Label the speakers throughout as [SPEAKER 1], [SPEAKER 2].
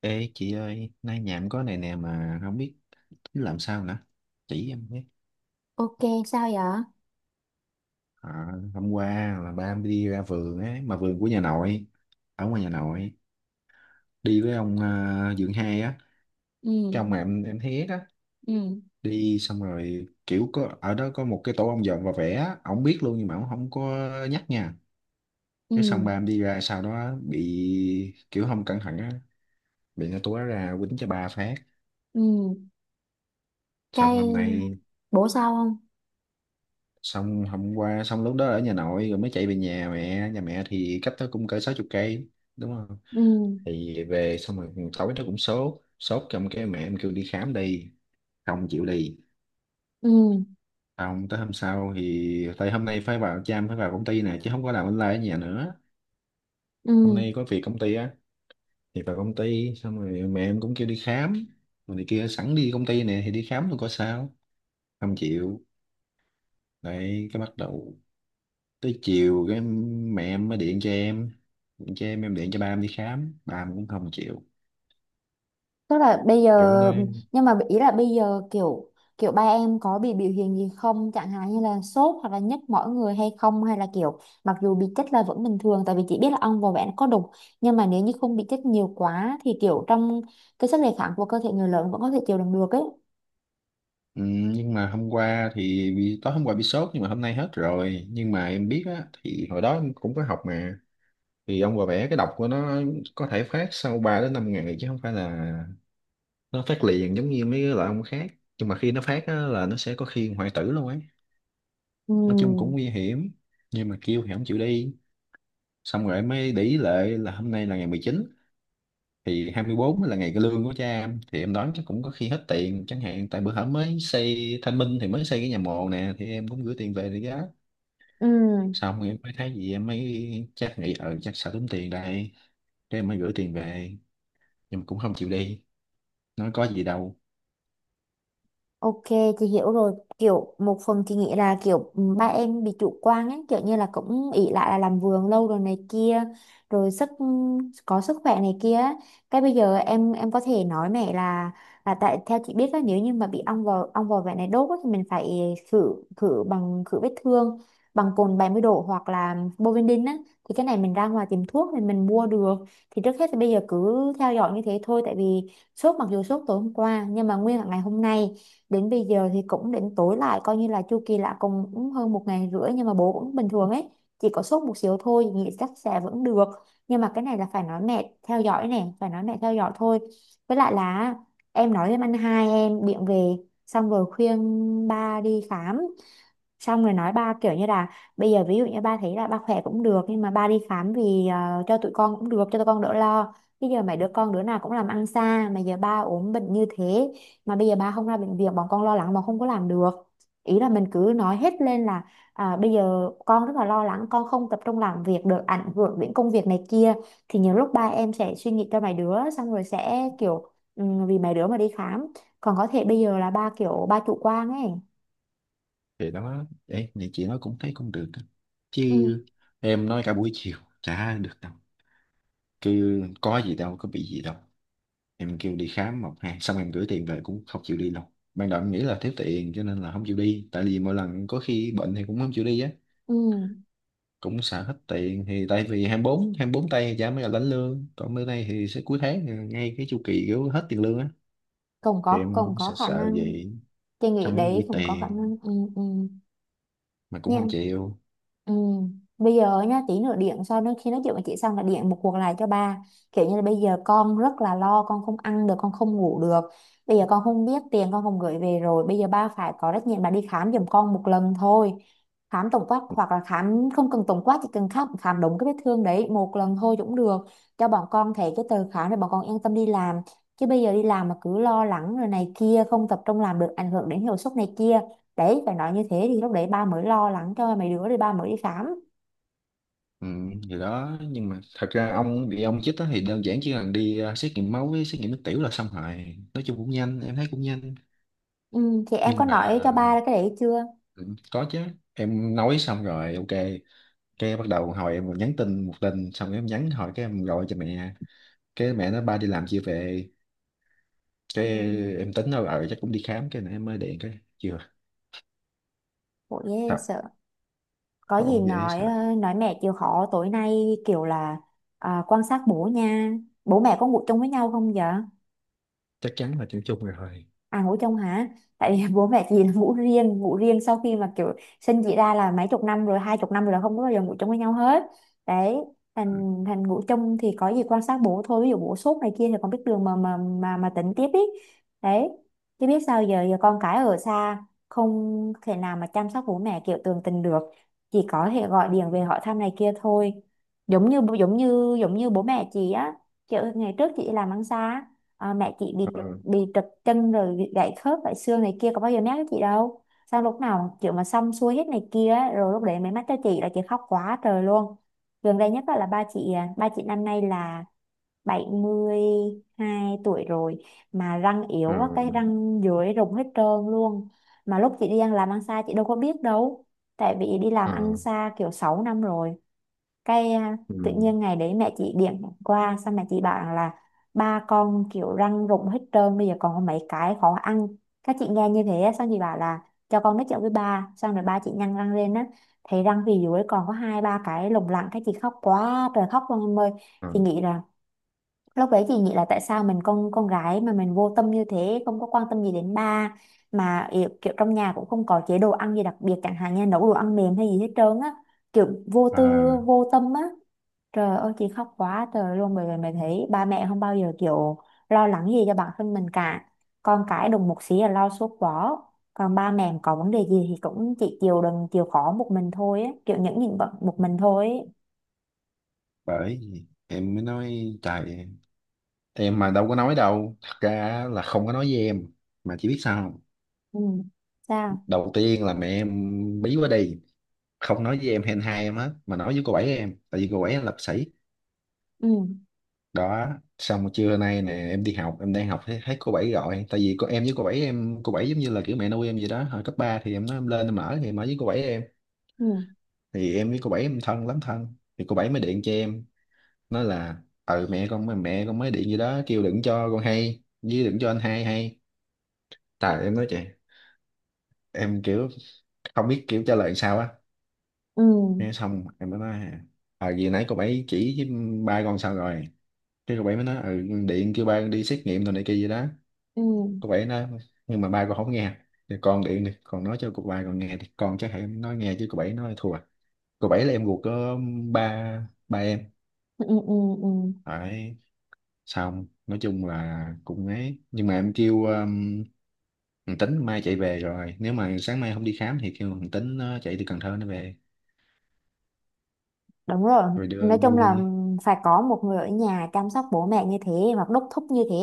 [SPEAKER 1] Ê chị ơi, nay nhà em có này nè mà không biết tính làm sao nữa. Chỉ em biết.
[SPEAKER 2] Ok, sao vậy?
[SPEAKER 1] À, hôm qua là ba em đi ra vườn ấy, mà vườn của nhà nội, ở ngoài nhà nội, đi với ông à, Dượng Hai á,
[SPEAKER 2] Ừ,
[SPEAKER 1] cái ông mà em thấy á,
[SPEAKER 2] ừ,
[SPEAKER 1] đi xong rồi kiểu có ở đó có một cái tổ ong dọn và vẽ, á, ổng biết luôn nhưng mà ổng không có nhắc nha. Cái xong
[SPEAKER 2] ừ,
[SPEAKER 1] ba em đi ra sau đó bị kiểu không cẩn thận á, bị nó túa ra quýnh cho ba phát.
[SPEAKER 2] ừ.
[SPEAKER 1] Xong
[SPEAKER 2] Cái
[SPEAKER 1] hôm nay
[SPEAKER 2] bổ sao không?
[SPEAKER 1] xong hôm qua xong lúc đó ở nhà nội rồi mới chạy về nhà mẹ, nhà mẹ thì cách đó cũng cỡ 60 cây, đúng không,
[SPEAKER 2] Ừ,
[SPEAKER 1] thì về xong rồi tối nó cũng sốt, sốt, trong cái mẹ em kêu đi khám đi, không chịu đi,
[SPEAKER 2] ừ,
[SPEAKER 1] không, tới hôm sau thì tại hôm nay phải vào chăm, phải vào công ty nè chứ không có làm online ở nhà nữa, hôm
[SPEAKER 2] ừ.
[SPEAKER 1] nay có việc công ty á, thì vào công ty xong rồi mẹ em cũng kêu đi khám rồi này kia, sẵn đi công ty nè thì đi khám luôn có sao, không chịu, đấy cái bắt đầu tới chiều cái mẹ em mới điện cho em, chứ em điện cho ba em đi khám ba em cũng không chịu,
[SPEAKER 2] Tức là bây giờ,
[SPEAKER 1] kiểu nơi.
[SPEAKER 2] nhưng mà ý là bây giờ kiểu kiểu ba em có bị biểu hiện gì không? Chẳng hạn như là sốt hoặc là nhức mỏi người hay không? Hay là kiểu mặc dù bị chích là vẫn bình thường tại vì chị biết là ong vò vẽ nó có độc nhưng mà nếu như không bị chích nhiều quá thì kiểu trong cái sức đề kháng của cơ thể người lớn vẫn có thể chịu đựng được ấy.
[SPEAKER 1] Ừ, nhưng mà hôm qua thì bị, tối hôm qua bị sốt nhưng mà hôm nay hết rồi, nhưng mà em biết á, thì hồi đó em cũng có học mà, thì ông bà vẽ cái độc của nó có thể phát sau ba đến 5 ngày chứ không phải là nó phát liền giống như mấy cái loại ông khác, nhưng mà khi nó phát á, là nó sẽ có khi hoại tử luôn ấy,
[SPEAKER 2] Ừ,
[SPEAKER 1] nói chung cũng nguy hiểm, nhưng mà kêu thì không chịu đi. Xong rồi em mới để ý lệ là hôm nay là ngày 19, thì 24 là ngày cái lương của cha em, thì em đoán chắc cũng có khi hết tiền chẳng hạn, tại bữa hổm mới xây Thanh Minh thì mới xây cái nhà mồ nè, thì em cũng gửi tiền về để giá,
[SPEAKER 2] ừ.
[SPEAKER 1] xong em mới thấy gì, em mới chắc nghĩ ờ chắc sợ tốn tiền đây, thế em mới gửi tiền về, nhưng mà cũng không chịu đi, nói có gì đâu.
[SPEAKER 2] Ok, chị hiểu rồi. Kiểu một phần chị nghĩ là kiểu ba em bị chủ quan ấy, kiểu như là cũng ỷ lại là làm vườn lâu rồi này kia, rồi có sức khỏe này kia ấy. Cái bây giờ em có thể nói mẹ là tại theo chị biết là nếu như mà bị ong vò vẽ này đốt ấy, thì mình phải khử khử bằng khử vết thương bằng cồn 70 độ hoặc là Bovidin á, thì cái này mình ra ngoài tìm thuốc thì mình mua được. Thì trước hết thì bây giờ cứ theo dõi như thế thôi tại vì sốt, mặc dù sốt tối hôm qua nhưng mà nguyên cả ngày hôm nay đến bây giờ thì cũng đến tối lại, coi như là chu kỳ là cũng cũng hơn một ngày rưỡi nhưng mà bố cũng bình thường ấy, chỉ có sốt một xíu thôi nghĩ chắc sẽ vẫn được. Nhưng mà cái này là phải nói mẹ theo dõi nè, phải nói mẹ theo dõi thôi. Với lại là em nói với anh hai em điện về, xong rồi khuyên ba đi khám, xong rồi nói ba kiểu như là bây giờ ví dụ như ba thấy là ba khỏe cũng được nhưng mà ba đi khám vì cho tụi con cũng được, cho tụi con đỡ lo. Bây giờ mấy đứa con đứa nào cũng làm ăn xa mà giờ ba ốm bệnh như thế mà bây giờ ba không ra bệnh viện, bọn con lo lắng mà không có làm được. Ý là mình cứ nói hết lên là bây giờ con rất là lo lắng, con không tập trung làm việc được, ảnh hưởng đến công việc này kia. Thì nhiều lúc ba em sẽ suy nghĩ cho mấy đứa xong rồi sẽ kiểu ừ, vì mấy đứa mà đi khám. Còn có thể bây giờ là ba kiểu ba chủ quan ấy.
[SPEAKER 1] Thì đó ấy, này chị nói cũng thấy cũng được á.
[SPEAKER 2] Ừ,
[SPEAKER 1] Chứ em nói cả buổi chiều chả được đâu, cứ có gì đâu, có bị gì đâu, em kêu đi khám một hai xong em gửi tiền về cũng không chịu đi đâu. Ban đầu em nghĩ là thiếu tiền cho nên là không chịu đi, tại vì mỗi lần có khi bệnh thì cũng không chịu đi á,
[SPEAKER 2] ừ,
[SPEAKER 1] cũng xài hết tiền, thì tại vì 24 bốn tây thì chả mới là lãnh lương, còn bữa nay thì sẽ cuối tháng ngay cái chu kỳ kiểu hết tiền lương á, thì em
[SPEAKER 2] cũng
[SPEAKER 1] cũng
[SPEAKER 2] có
[SPEAKER 1] sợ
[SPEAKER 2] khả
[SPEAKER 1] sợ
[SPEAKER 2] năng.
[SPEAKER 1] vậy,
[SPEAKER 2] Chị nghĩ
[SPEAKER 1] xong nó
[SPEAKER 2] đấy
[SPEAKER 1] gửi
[SPEAKER 2] cũng có khả
[SPEAKER 1] tiền
[SPEAKER 2] năng. Ừ, ừ
[SPEAKER 1] mà cũng không
[SPEAKER 2] nha.
[SPEAKER 1] chịu.
[SPEAKER 2] Ừ. Bây giờ nhá, tí nữa điện sau nữa, khi nói chuyện với chị xong là điện một cuộc lại cho ba, kiểu như là bây giờ con rất là lo, con không ăn được, con không ngủ được, bây giờ con không biết tiền, con không gửi về, rồi bây giờ ba phải có trách nhiệm là đi khám giùm con một lần thôi. Khám tổng quát hoặc là khám không cần tổng quát, chỉ cần khám khám đúng cái vết thương đấy một lần thôi cũng được, cho bọn con thấy cái tờ khám để bọn con yên tâm đi làm. Chứ bây giờ đi làm mà cứ lo lắng rồi này kia, không tập trung làm được, ảnh hưởng đến hiệu suất này kia. Đấy, phải nói như thế thì lúc đấy ba mới lo lắng cho mấy đứa rồi ba mới đi khám.
[SPEAKER 1] Ừ, thì đó, nhưng mà thật ra ông bị ông chích á thì đơn giản chỉ cần đi à, xét nghiệm máu với xét nghiệm nước tiểu là xong rồi, nói chung cũng nhanh, em thấy cũng nhanh,
[SPEAKER 2] Ừ, thì em có
[SPEAKER 1] nhưng
[SPEAKER 2] nói
[SPEAKER 1] mà.
[SPEAKER 2] cho ba cái đấy chưa?
[SPEAKER 1] Ừ, có chứ, em nói xong rồi ok, cái bắt đầu hồi em nhắn tin một tin xong em nhắn hỏi, cái em gọi cho mẹ, cái mẹ nói ba đi làm chưa về, cái
[SPEAKER 2] Ừ,
[SPEAKER 1] em tính đâu ờ chắc cũng đi khám, cái này em mới điện cái chưa.
[SPEAKER 2] bộ ghê
[SPEAKER 1] Thật.
[SPEAKER 2] sợ. Có gì
[SPEAKER 1] Không dễ
[SPEAKER 2] nói
[SPEAKER 1] sợ.
[SPEAKER 2] nói mẹ chịu khó tối nay kiểu là quan sát bố nha. Bố mẹ có ngủ chung với nhau không vậy?
[SPEAKER 1] Chắc chắn là chung chung rồi.
[SPEAKER 2] À, ngủ chung hả? Tại vì bố mẹ chị là ngủ riêng sau khi mà kiểu sinh chị ra là mấy chục năm rồi, 20 năm rồi là không có bao giờ ngủ chung với nhau hết. Đấy, thành thành ngủ chung thì có gì quan sát bố thôi, ví dụ bố sốt này kia thì con biết đường mà tỉnh tiếp ý. Đấy. Chứ biết sao giờ, giờ con cái ở xa không thể nào mà chăm sóc bố mẹ kiểu tường tình được, chỉ có thể gọi điện về hỏi thăm này kia thôi. Giống như bố mẹ chị á, kiểu ngày trước chị làm ăn xa, mẹ chị bị
[SPEAKER 1] Ờ,
[SPEAKER 2] trật, bị trật chân rồi bị gãy khớp, gãy xương này kia có bao giờ nhắc với chị đâu. Sao lúc nào kiểu mà xong xuôi hết này kia ấy, rồi lúc đấy mới mách cho chị, là chị khóc quá trời luôn. Gần đây nhất á là ba chị, ba chị năm nay là 72 tuổi rồi mà răng yếu
[SPEAKER 1] ờ,
[SPEAKER 2] quá, cái răng dưới rụng hết trơn luôn mà lúc chị đi ăn, làm ăn xa chị đâu có biết đâu, tại vì đi làm
[SPEAKER 1] ờ,
[SPEAKER 2] ăn xa kiểu 6 năm rồi. Cái
[SPEAKER 1] ừ,
[SPEAKER 2] tự nhiên ngày đấy mẹ chị điểm qua xong mẹ chị bảo rằng là ba con kiểu răng rụng hết trơn, bây giờ còn có mấy cái khó ăn. Các chị nghe như thế á, xong chị bảo là cho con nói chuyện với ba, xong rồi ba chị nhăn răng lên á, thấy răng phía dưới còn có hai ba cái lủng lẳng, các chị khóc quá trời khóc luôn em ơi.
[SPEAKER 1] ờ,
[SPEAKER 2] Chị nghĩ là lúc đấy chị nghĩ là tại sao mình con gái mà mình vô tâm như thế, không có quan tâm gì đến ba, mà kiểu, trong nhà cũng không có chế độ ăn gì đặc biệt chẳng hạn như nấu đồ ăn mềm hay gì hết trơn á, kiểu vô tư,
[SPEAKER 1] à.
[SPEAKER 2] vô tâm á. Trời ơi chị khóc quá trời luôn, bởi vì mày thấy ba mẹ không bao giờ kiểu lo lắng gì cho bản thân mình cả, con cái đùng một xí là lo suốt quá, còn ba mẹ có vấn đề gì thì cũng chỉ chịu đựng, chịu khó một mình thôi ấy. Kiểu những bận một mình thôi ấy.
[SPEAKER 1] Bởi vì em mới nói trời, em mà đâu có nói đâu, thật ra là không có nói với em, mà chỉ biết sao không?
[SPEAKER 2] Ừ. Sao?
[SPEAKER 1] Đầu tiên là mẹ em, bí quá đi, không nói với em hen hai em hết mà nói với cô bảy em, tại vì cô bảy em là bác sĩ.
[SPEAKER 2] Ừ.
[SPEAKER 1] Đó, xong rồi trưa nay nè em đi học em đang học thấy cô bảy gọi, tại vì cô em với cô bảy em, cô bảy giống như là kiểu mẹ nuôi em vậy đó, hồi cấp 3 thì em nói em lên em ở thì em ở với cô bảy em,
[SPEAKER 2] Ừ.
[SPEAKER 1] thì em với cô bảy em thân lắm, thân thì cô bảy mới điện cho em, nói là ừ, mẹ con mới điện gì đó kêu đừng cho con hay với đừng cho anh hai hay. Tại em nói trời, em kiểu không biết kiểu trả lời sao á,
[SPEAKER 2] Ừ.
[SPEAKER 1] nghe xong em mới nói à gì nãy cô bảy chỉ với, ba con sao rồi, cái cậu bảy mới nói ừ, điện kêu ba con đi xét nghiệm rồi này kia gì đó,
[SPEAKER 2] Ừ.
[SPEAKER 1] cậu bảy nói nhưng mà ba con không nghe à." Thì con điện đi còn nói cho cậu ba con nghe thì con chắc hãy nói nghe, chứ cậu bảy nói thua, cậu bảy là em ruột có ba ba em
[SPEAKER 2] Ừ. Ừ. Ừ. Ừ.
[SPEAKER 1] phải. Xong nói chung là cũng ấy, nhưng mà em kêu thằng Tính mai chạy về rồi, nếu mà sáng mai không đi khám thì kêu thằng Tính nó chạy từ Cần Thơ nó về
[SPEAKER 2] Đúng rồi,
[SPEAKER 1] rồi
[SPEAKER 2] nói
[SPEAKER 1] đưa đưa
[SPEAKER 2] chung là
[SPEAKER 1] đi
[SPEAKER 2] phải có một người ở nhà chăm sóc bố mẹ như thế hoặc đốc thúc như thế,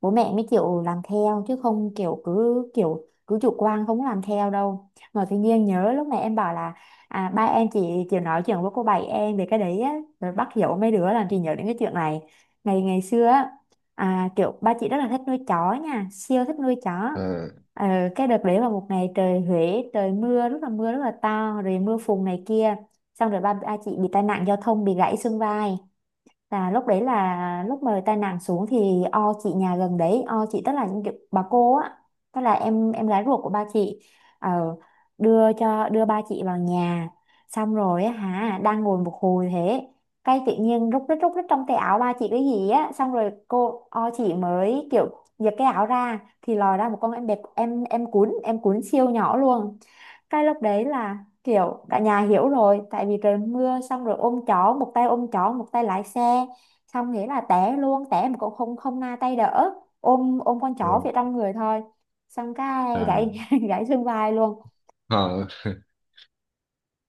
[SPEAKER 2] bố mẹ mới chịu làm theo, chứ không kiểu cứ chủ quan không làm theo đâu. Mà tự nhiên nhớ lúc này em bảo là ba em chỉ nói chuyện với cô bảy em về cái đấy á, rồi bắt dỗ mấy đứa làm chị nhớ đến cái chuyện này. Ngày ngày xưa á, kiểu ba chị rất là thích nuôi chó nha, siêu thích nuôi chó.
[SPEAKER 1] Ờ,
[SPEAKER 2] Ờ, cái đợt đấy là một ngày trời Huế, trời mưa rất là, mưa rất là to rồi mưa phùn này kia, xong rồi ba ba chị bị tai nạn giao thông, bị gãy xương vai. Là lúc đấy là lúc mà tai nạn xuống thì o chị nhà gần đấy, o chị tức là những kiểu bà cô á, tức là em gái ruột của ba chị, ờ, đưa ba chị vào nhà. Xong rồi á hả đang ngồi một hồi thế, cái tự nhiên rút rít trong tay áo ba chị cái gì á, xong rồi cô o chị mới kiểu giật cái áo ra thì lòi ra một con em bẹp em cuốn siêu nhỏ luôn. Cái lúc đấy là kiểu cả nhà hiểu rồi, tại vì trời mưa xong rồi ôm chó một tay, ôm chó một tay lái xe, xong nghĩa là té luôn, té mà cũng không không na tay đỡ, ôm ôm con chó
[SPEAKER 1] rồi
[SPEAKER 2] về trong người thôi. Xong cái
[SPEAKER 1] à.
[SPEAKER 2] gãy gãy xương vai luôn.
[SPEAKER 1] Ờ,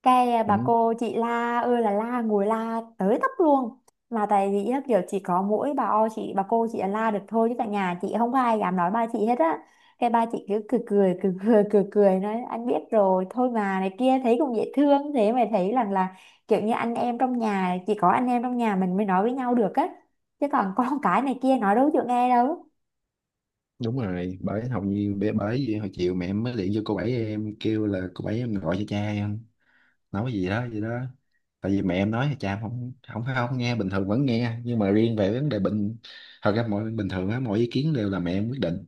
[SPEAKER 2] Cái bà
[SPEAKER 1] cũng
[SPEAKER 2] cô chị la ơi là la, ngồi la tới tấp luôn, mà tại vì á, kiểu chỉ có mỗi bà o chị, bà cô chị là la được thôi chứ tại nhà chị không có ai dám nói ba chị hết á. Cái ba chị cứ cười cười cười cười cười cười, nói anh biết rồi thôi mà, này kia thấy cũng dễ thương thế, mà thấy rằng là kiểu như anh em trong nhà, chỉ có anh em trong nhà mình mới nói với nhau được á, chứ còn con cái này kia nói đâu chịu nghe đâu.
[SPEAKER 1] đúng rồi, bởi học như bởi bởi vì hồi chiều mẹ em mới điện cho cô bảy em kêu là cô bảy em gọi cho cha em nói gì đó gì đó, tại vì mẹ em nói là cha em không không phải không nghe, bình thường vẫn nghe, nhưng mà riêng về vấn đề bệnh, thật ra mọi bình thường á, mọi ý kiến đều là mẹ em quyết định,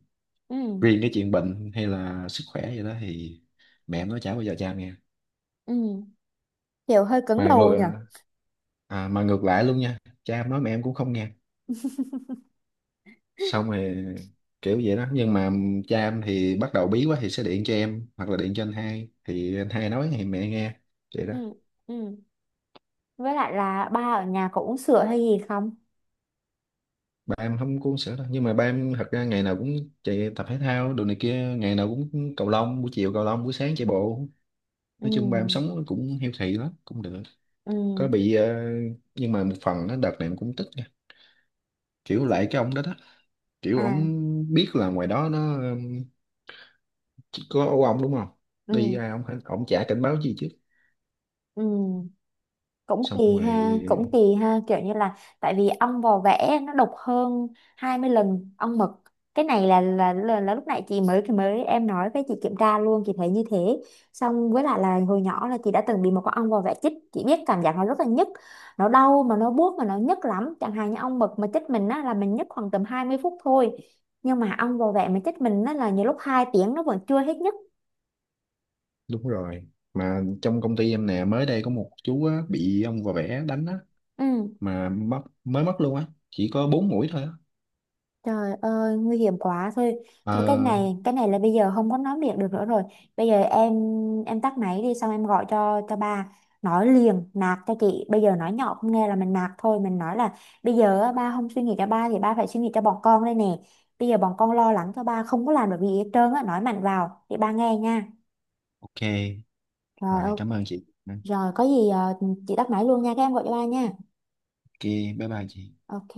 [SPEAKER 2] Ừ,
[SPEAKER 1] riêng cái chuyện bệnh hay là sức khỏe gì đó thì mẹ em nói chả bao giờ cha em nghe,
[SPEAKER 2] ừ, kiểu hơi cứng
[SPEAKER 1] mà
[SPEAKER 2] đầu nhỉ.
[SPEAKER 1] ngược, à, mà ngược lại luôn nha, cha em nói mẹ em cũng không nghe, xong rồi kiểu vậy đó, nhưng mà cha em thì bắt đầu bí quá thì sẽ điện cho em hoặc là điện cho anh hai thì anh hai nói thì mẹ nghe, vậy đó.
[SPEAKER 2] Ừ, ừ. Với lại là ba ở nhà có uống sữa hay gì không?
[SPEAKER 1] Ba em không có uống sữa đâu, nhưng mà ba em thật ra ngày nào cũng chạy tập thể thao đồ này kia, ngày nào cũng cầu lông buổi chiều, cầu lông buổi sáng chạy bộ, nói chung ba em
[SPEAKER 2] Ừ
[SPEAKER 1] sống cũng healthy lắm, cũng được, có
[SPEAKER 2] ừ
[SPEAKER 1] bị ờ, nhưng mà một phần nó đợt này em cũng tức nha. Kiểu lại cái ông đó đó, kiểu ông
[SPEAKER 2] à
[SPEAKER 1] biết là ngoài đó nó có ông đúng không, đi
[SPEAKER 2] ừ,
[SPEAKER 1] ra ông chả cảnh báo gì chứ,
[SPEAKER 2] ừ. Cũng
[SPEAKER 1] xong
[SPEAKER 2] kỳ
[SPEAKER 1] rồi.
[SPEAKER 2] ha, cũng kỳ ha, kiểu như là tại vì ong vò vẽ nó độc hơn 20 lần ong mật. Cái này là lúc nãy chị mới mới em nói với chị kiểm tra luôn, chị thấy như thế. Xong với lại là hồi nhỏ là chị đã từng bị một con ong vò vẽ chích, chị biết cảm giác nó rất là nhức, nó đau mà nó buốt mà nó nhức lắm. Chẳng hạn như ong mật mà chích mình á là mình nhức khoảng tầm 20 phút thôi, nhưng mà ong vò vẽ mà chích mình á là nhiều lúc 2 tiếng nó vẫn chưa hết nhức.
[SPEAKER 1] Đúng rồi. Mà trong công ty em nè, mới đây có một chú á, bị ông vò vẽ đánh á,
[SPEAKER 2] Ừ.
[SPEAKER 1] mà mất, mới mất luôn á, chỉ có 4 mũi thôi á.
[SPEAKER 2] Trời ơi, nguy hiểm quá thôi. Thôi cái
[SPEAKER 1] Ờ,
[SPEAKER 2] này, cái này là bây giờ không có nói miệng được nữa rồi. Bây giờ em tắt máy đi xong em gọi cho ba, nói liền nạt cho chị. Bây giờ nói nhỏ không nghe là mình nạt thôi, mình nói là bây giờ á, ba không suy nghĩ cho ba thì ba phải suy nghĩ cho bọn con đây nè. Bây giờ bọn con lo lắng cho ba không có làm được gì hết trơn á, nói mạnh vào để ba nghe nha.
[SPEAKER 1] ok.
[SPEAKER 2] Rồi
[SPEAKER 1] Rồi,
[SPEAKER 2] ok.
[SPEAKER 1] cảm ơn chị.
[SPEAKER 2] Rồi có gì chị tắt máy luôn nha, các em gọi cho ba nha.
[SPEAKER 1] Ok, bye bye chị.
[SPEAKER 2] Ok.